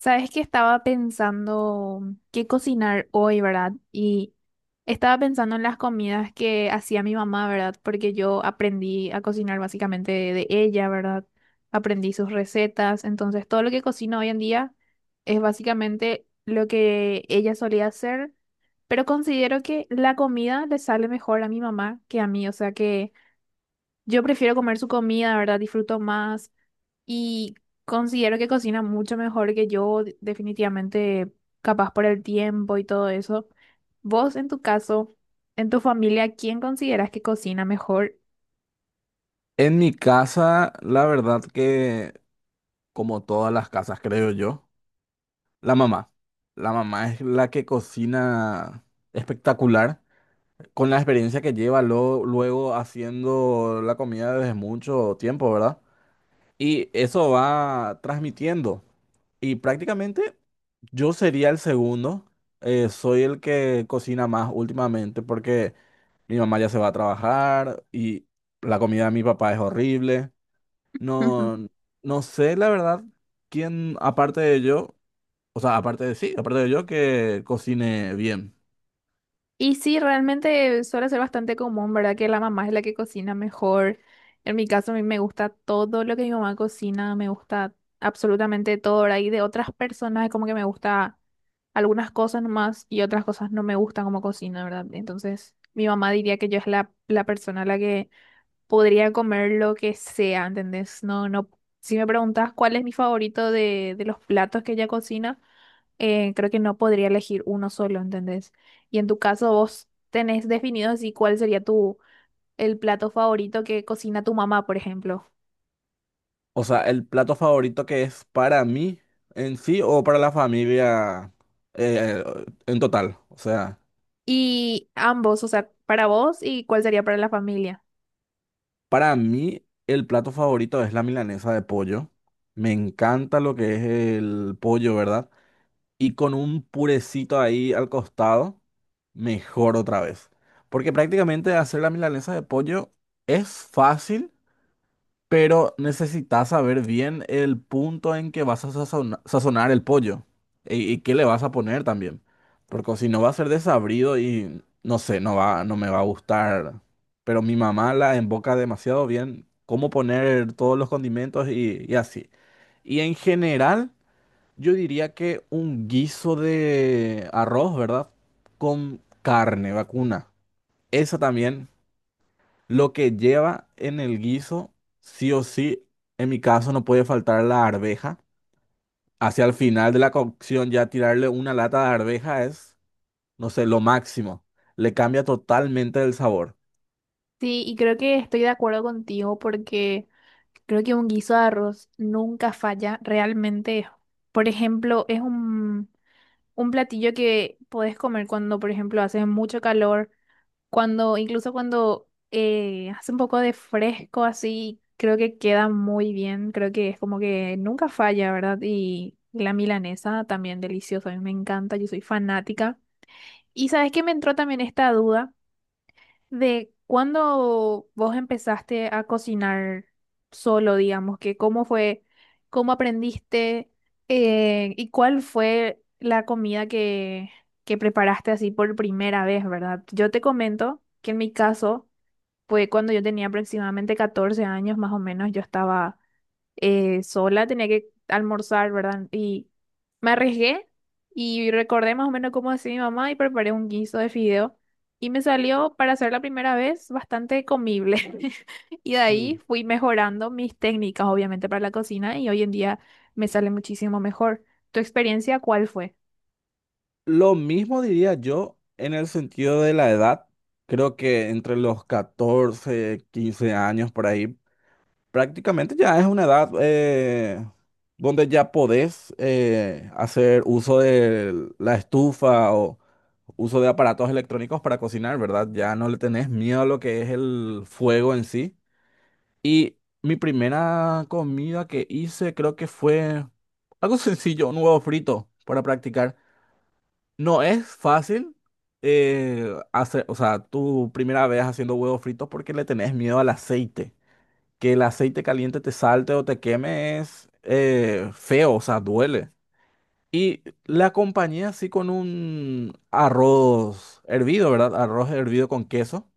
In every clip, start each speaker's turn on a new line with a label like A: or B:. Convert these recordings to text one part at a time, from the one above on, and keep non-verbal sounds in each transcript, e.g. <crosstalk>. A: Sabes que estaba pensando qué cocinar hoy, ¿verdad? Y estaba pensando en las comidas que hacía mi mamá, ¿verdad? Porque yo aprendí a cocinar básicamente de ella, ¿verdad? Aprendí sus recetas, entonces todo lo que cocino hoy en día es básicamente lo que ella solía hacer, pero considero que la comida le sale mejor a mi mamá que a mí, o sea que yo prefiero comer su comida, ¿verdad? Disfruto más. Y considero que cocina mucho mejor que yo, definitivamente, capaz por el tiempo y todo eso. Vos, en tu caso, en tu familia, ¿quién consideras que cocina mejor?
B: En mi casa, la verdad que, como todas las casas, creo yo, la mamá. La mamá es la que cocina espectacular, con la experiencia que lleva luego haciendo la comida desde mucho tiempo, ¿verdad? Y eso va transmitiendo. Y prácticamente yo sería el segundo. Soy el que cocina más últimamente porque mi mamá ya se va a trabajar y la comida de mi papá es horrible.
A: <laughs>
B: No, no sé la verdad quién, aparte de yo, o sea, aparte de sí, aparte de yo que cocine bien.
A: Y sí, realmente suele ser bastante común, ¿verdad? Que la mamá es la que cocina mejor. En mi caso, a mí me gusta todo lo que mi mamá cocina, me gusta absolutamente todo, ¿verdad? Y de otras personas es como que me gusta algunas cosas nomás y otras cosas no me gustan como cocina, ¿verdad? Entonces, mi mamá diría que yo es la persona a la que podría comer lo que sea, ¿entendés? No, no. Si me preguntas cuál es mi favorito de los platos que ella cocina creo que no podría elegir uno solo, ¿entendés? Y en tu caso vos tenés definido así cuál sería tu el plato favorito que cocina tu mamá, por ejemplo.
B: O sea, el plato favorito que es para mí en sí o para la familia, eh, en total. O sea,
A: Y ambos, o sea, para vos y cuál sería para la familia.
B: para mí el plato favorito es la milanesa de pollo. Me encanta lo que es el pollo, ¿verdad? Y con un purecito ahí al costado, mejor otra vez. Porque prácticamente hacer la milanesa de pollo es fácil, pero necesitas saber bien el punto en que vas a sazonar el pollo y, qué le vas a poner también. Porque si no va a ser desabrido y no sé, no va, no me va a gustar. Pero mi mamá la emboca demasiado bien cómo poner todos los condimentos y así. Y en general, yo diría que un guiso de arroz, ¿verdad? Con carne vacuna. Esa también, lo que lleva en el guiso, sí o sí, en mi caso no puede faltar la arveja. Hacia el final de la cocción ya tirarle una lata de arveja es, no sé, lo máximo. Le cambia totalmente el sabor.
A: Sí, y creo que estoy de acuerdo contigo porque creo que un guiso de arroz nunca falla realmente. Por ejemplo, un platillo que podés comer cuando, por ejemplo, hace mucho calor. Cuando, incluso cuando hace un poco de fresco así, creo que queda muy bien. Creo que es como que nunca falla, ¿verdad? Y la milanesa también deliciosa. A mí me encanta, yo soy fanática. Y sabes que me entró también esta duda. ¿De cuándo vos empezaste a cocinar solo, digamos, que cómo fue, cómo aprendiste y cuál fue la comida que preparaste así por primera vez, ¿verdad? Yo te comento que en mi caso fue cuando yo tenía aproximadamente 14 años más o menos, yo estaba sola, tenía que almorzar, ¿verdad? Y me arriesgué y recordé más o menos cómo hacía mi mamá y preparé un guiso de fideo y me salió para hacer la primera vez bastante comible. <laughs> Y de ahí
B: Mm.
A: fui mejorando mis técnicas, obviamente, para la cocina y hoy en día me sale muchísimo mejor. ¿Tu experiencia cuál fue?
B: Lo mismo diría yo en el sentido de la edad. Creo que entre los 14 15 años por ahí, prácticamente ya es una edad, donde ya podés, hacer uso de la estufa o uso de aparatos electrónicos para cocinar, ¿verdad? Ya no le tenés miedo a lo que es el fuego en sí. Y mi primera comida que hice creo que fue algo sencillo, un huevo frito para practicar. No es fácil, hacer, o sea, tu primera vez haciendo huevos fritos porque le tenés miedo al aceite, que el aceite caliente te salte o te queme es feo, o sea, duele. Y la acompañé así con un arroz hervido, ¿verdad? Arroz hervido con queso.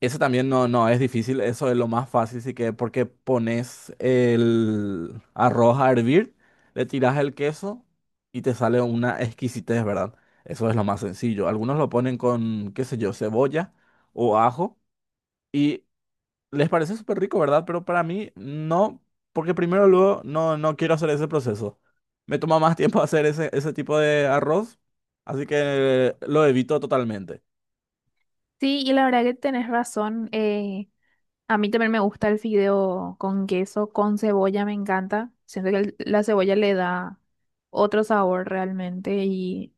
B: Ese también no, no es difícil, eso es lo más fácil, sí, que porque pones el arroz a hervir, le tiras el queso y te sale una exquisitez, ¿verdad? Eso es lo más sencillo. Algunos lo ponen con, qué sé yo, cebolla o ajo. Y les parece súper rico, ¿verdad? Pero para mí no, porque primero luego no, no quiero hacer ese proceso. Me toma más tiempo <laughs> hacer ese tipo de arroz, así que lo evito totalmente.
A: Sí, y la verdad que tenés razón. A mí también me gusta el fideo con queso, con cebolla, me encanta. Siento que la cebolla le da otro sabor realmente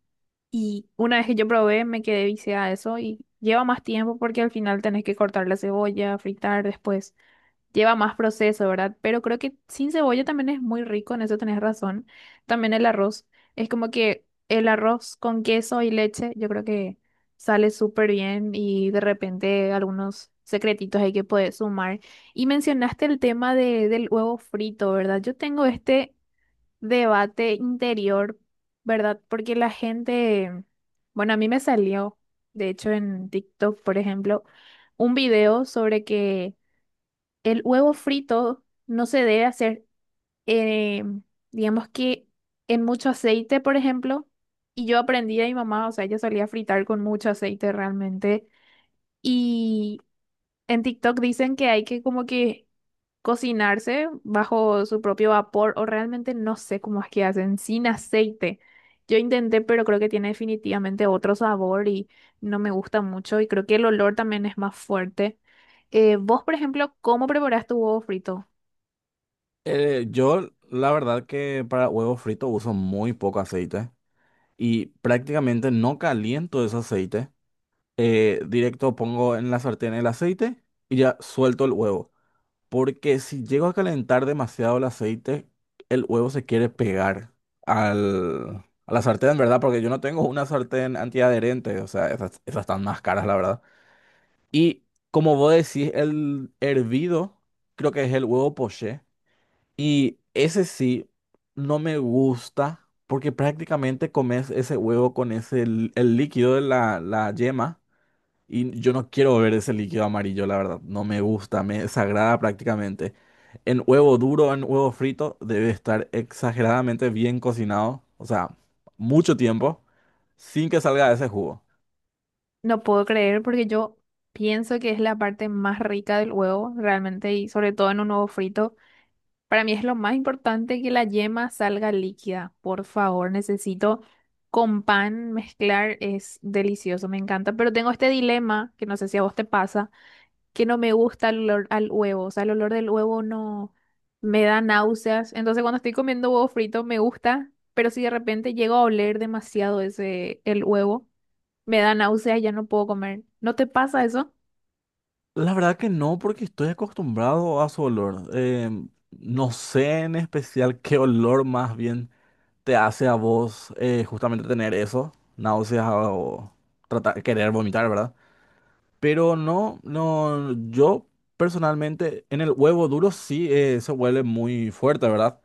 A: y una vez que yo probé me quedé viciada a eso y lleva más tiempo porque al final tenés que cortar la cebolla, fritar después lleva más proceso, ¿verdad? Pero creo que sin cebolla también es muy rico, en eso tenés razón. También el arroz. Es como que el arroz con queso y leche, yo creo que sale súper bien y de repente algunos secretitos hay que poder sumar. Y mencionaste el tema del huevo frito, ¿verdad? Yo tengo este debate interior, ¿verdad? Porque la gente, bueno, a mí me salió, de hecho, en TikTok, por ejemplo, un video sobre que el huevo frito no se debe hacer, eh, digamos que en mucho aceite, por ejemplo. Y yo aprendí a mi mamá, o sea, ella solía fritar con mucho aceite realmente. Y en TikTok dicen que hay que como que cocinarse bajo su propio vapor, o realmente no sé cómo es que hacen, sin aceite. Yo intenté, pero creo que tiene definitivamente otro sabor y no me gusta mucho. Y creo que el olor también es más fuerte. Vos, por ejemplo, ¿cómo preparás tu huevo frito?
B: Yo, la verdad que para huevos fritos uso muy poco aceite y prácticamente no caliento ese aceite. Directo pongo en la sartén el aceite y ya suelto el huevo. Porque si llego a calentar demasiado el aceite, el huevo se quiere pegar al, a la sartén, ¿verdad? Porque yo no tengo una sartén antiadherente, o sea, esas están más caras, la verdad. Y como vos decís, el hervido, creo que es el huevo poché. Y ese sí, no me gusta, porque prácticamente comes ese huevo con ese, el líquido de la yema. Y yo no quiero ver ese líquido amarillo, la verdad. No me gusta, me desagrada prácticamente. En huevo duro, en huevo frito, debe estar exageradamente bien cocinado. O sea, mucho tiempo sin que salga ese jugo.
A: No puedo creer porque yo pienso que es la parte más rica del huevo, realmente, y sobre todo en un huevo frito. Para mí es lo más importante que la yema salga líquida. Por favor, necesito con pan mezclar, es delicioso, me encanta. Pero tengo este dilema, que no sé si a vos te pasa que no me gusta el olor al huevo, o sea, el olor del huevo no me da náuseas. Entonces, cuando estoy comiendo huevo frito me gusta, pero si de repente llego a oler demasiado ese el huevo, me da náuseas, ya no puedo comer. ¿No te pasa eso?
B: La verdad que no, porque estoy acostumbrado a su olor. No sé en especial qué olor más bien te hace a vos, justamente tener eso, náuseas o tratar, querer vomitar, ¿verdad? Pero no, yo personalmente en el huevo duro sí, se huele muy fuerte, ¿verdad?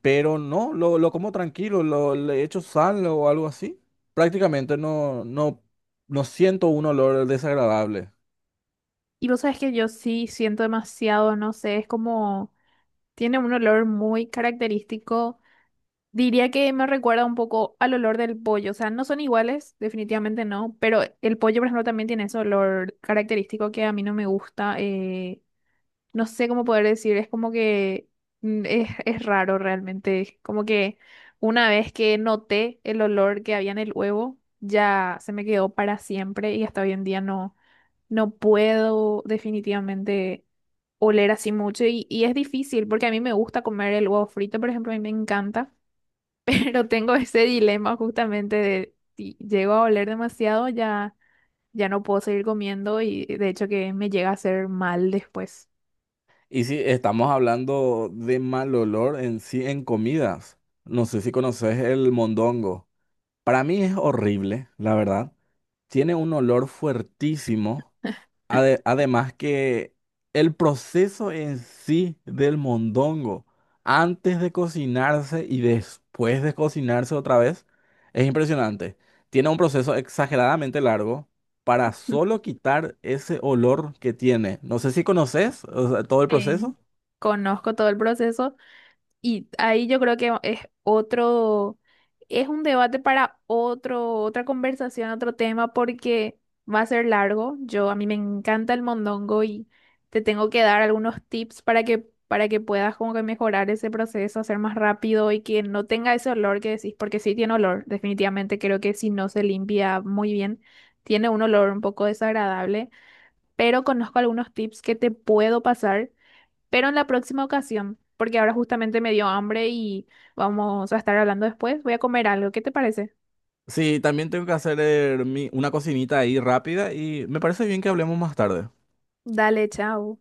B: Pero no, lo como tranquilo, lo, le echo sal o algo así. Prácticamente no siento un olor desagradable.
A: Y vos sabes que yo sí siento demasiado, no sé, es como tiene un olor muy característico. Diría que me recuerda un poco al olor del pollo, o sea, no son iguales, definitivamente no, pero el pollo, por ejemplo, también tiene ese olor característico que a mí no me gusta. No sé cómo poder decir, es como que mm, es raro realmente, es como que una vez que noté el olor que había en el huevo, ya se me quedó para siempre y hasta hoy en día no, no puedo definitivamente oler así mucho y es difícil porque a mí me gusta comer el huevo frito, por ejemplo, a mí me encanta, <laughs> pero tengo ese dilema justamente de si llego a oler demasiado ya, ya no puedo seguir comiendo y de hecho que me llega a hacer mal después.
B: Y si estamos hablando de mal olor en sí en comidas, no sé si conoces el mondongo. Para mí es horrible, la verdad. Tiene un olor fuertísimo. Además que el proceso en sí del mondongo, antes de cocinarse y después de cocinarse otra vez, es impresionante. Tiene un proceso exageradamente largo para solo quitar ese olor que tiene. No sé si conoces, o sea, todo el proceso.
A: Sí. Conozco todo el proceso y ahí yo creo que es otro, es un debate para otro, otra conversación, otro tema, porque va a ser largo. Yo, a mí me encanta el mondongo y te tengo que dar algunos tips para que puedas como que mejorar ese proceso, hacer más rápido y que no tenga ese olor que decís, porque sí tiene olor, definitivamente creo que si no se limpia muy bien, tiene un olor un poco desagradable, pero conozco algunos tips que te puedo pasar pero en la próxima ocasión, porque ahora justamente me dio hambre y vamos a estar hablando después, voy a comer algo. ¿Qué te parece?
B: Sí, también tengo que hacer, una cocinita ahí rápida y me parece bien que hablemos más tarde.
A: Dale, chao.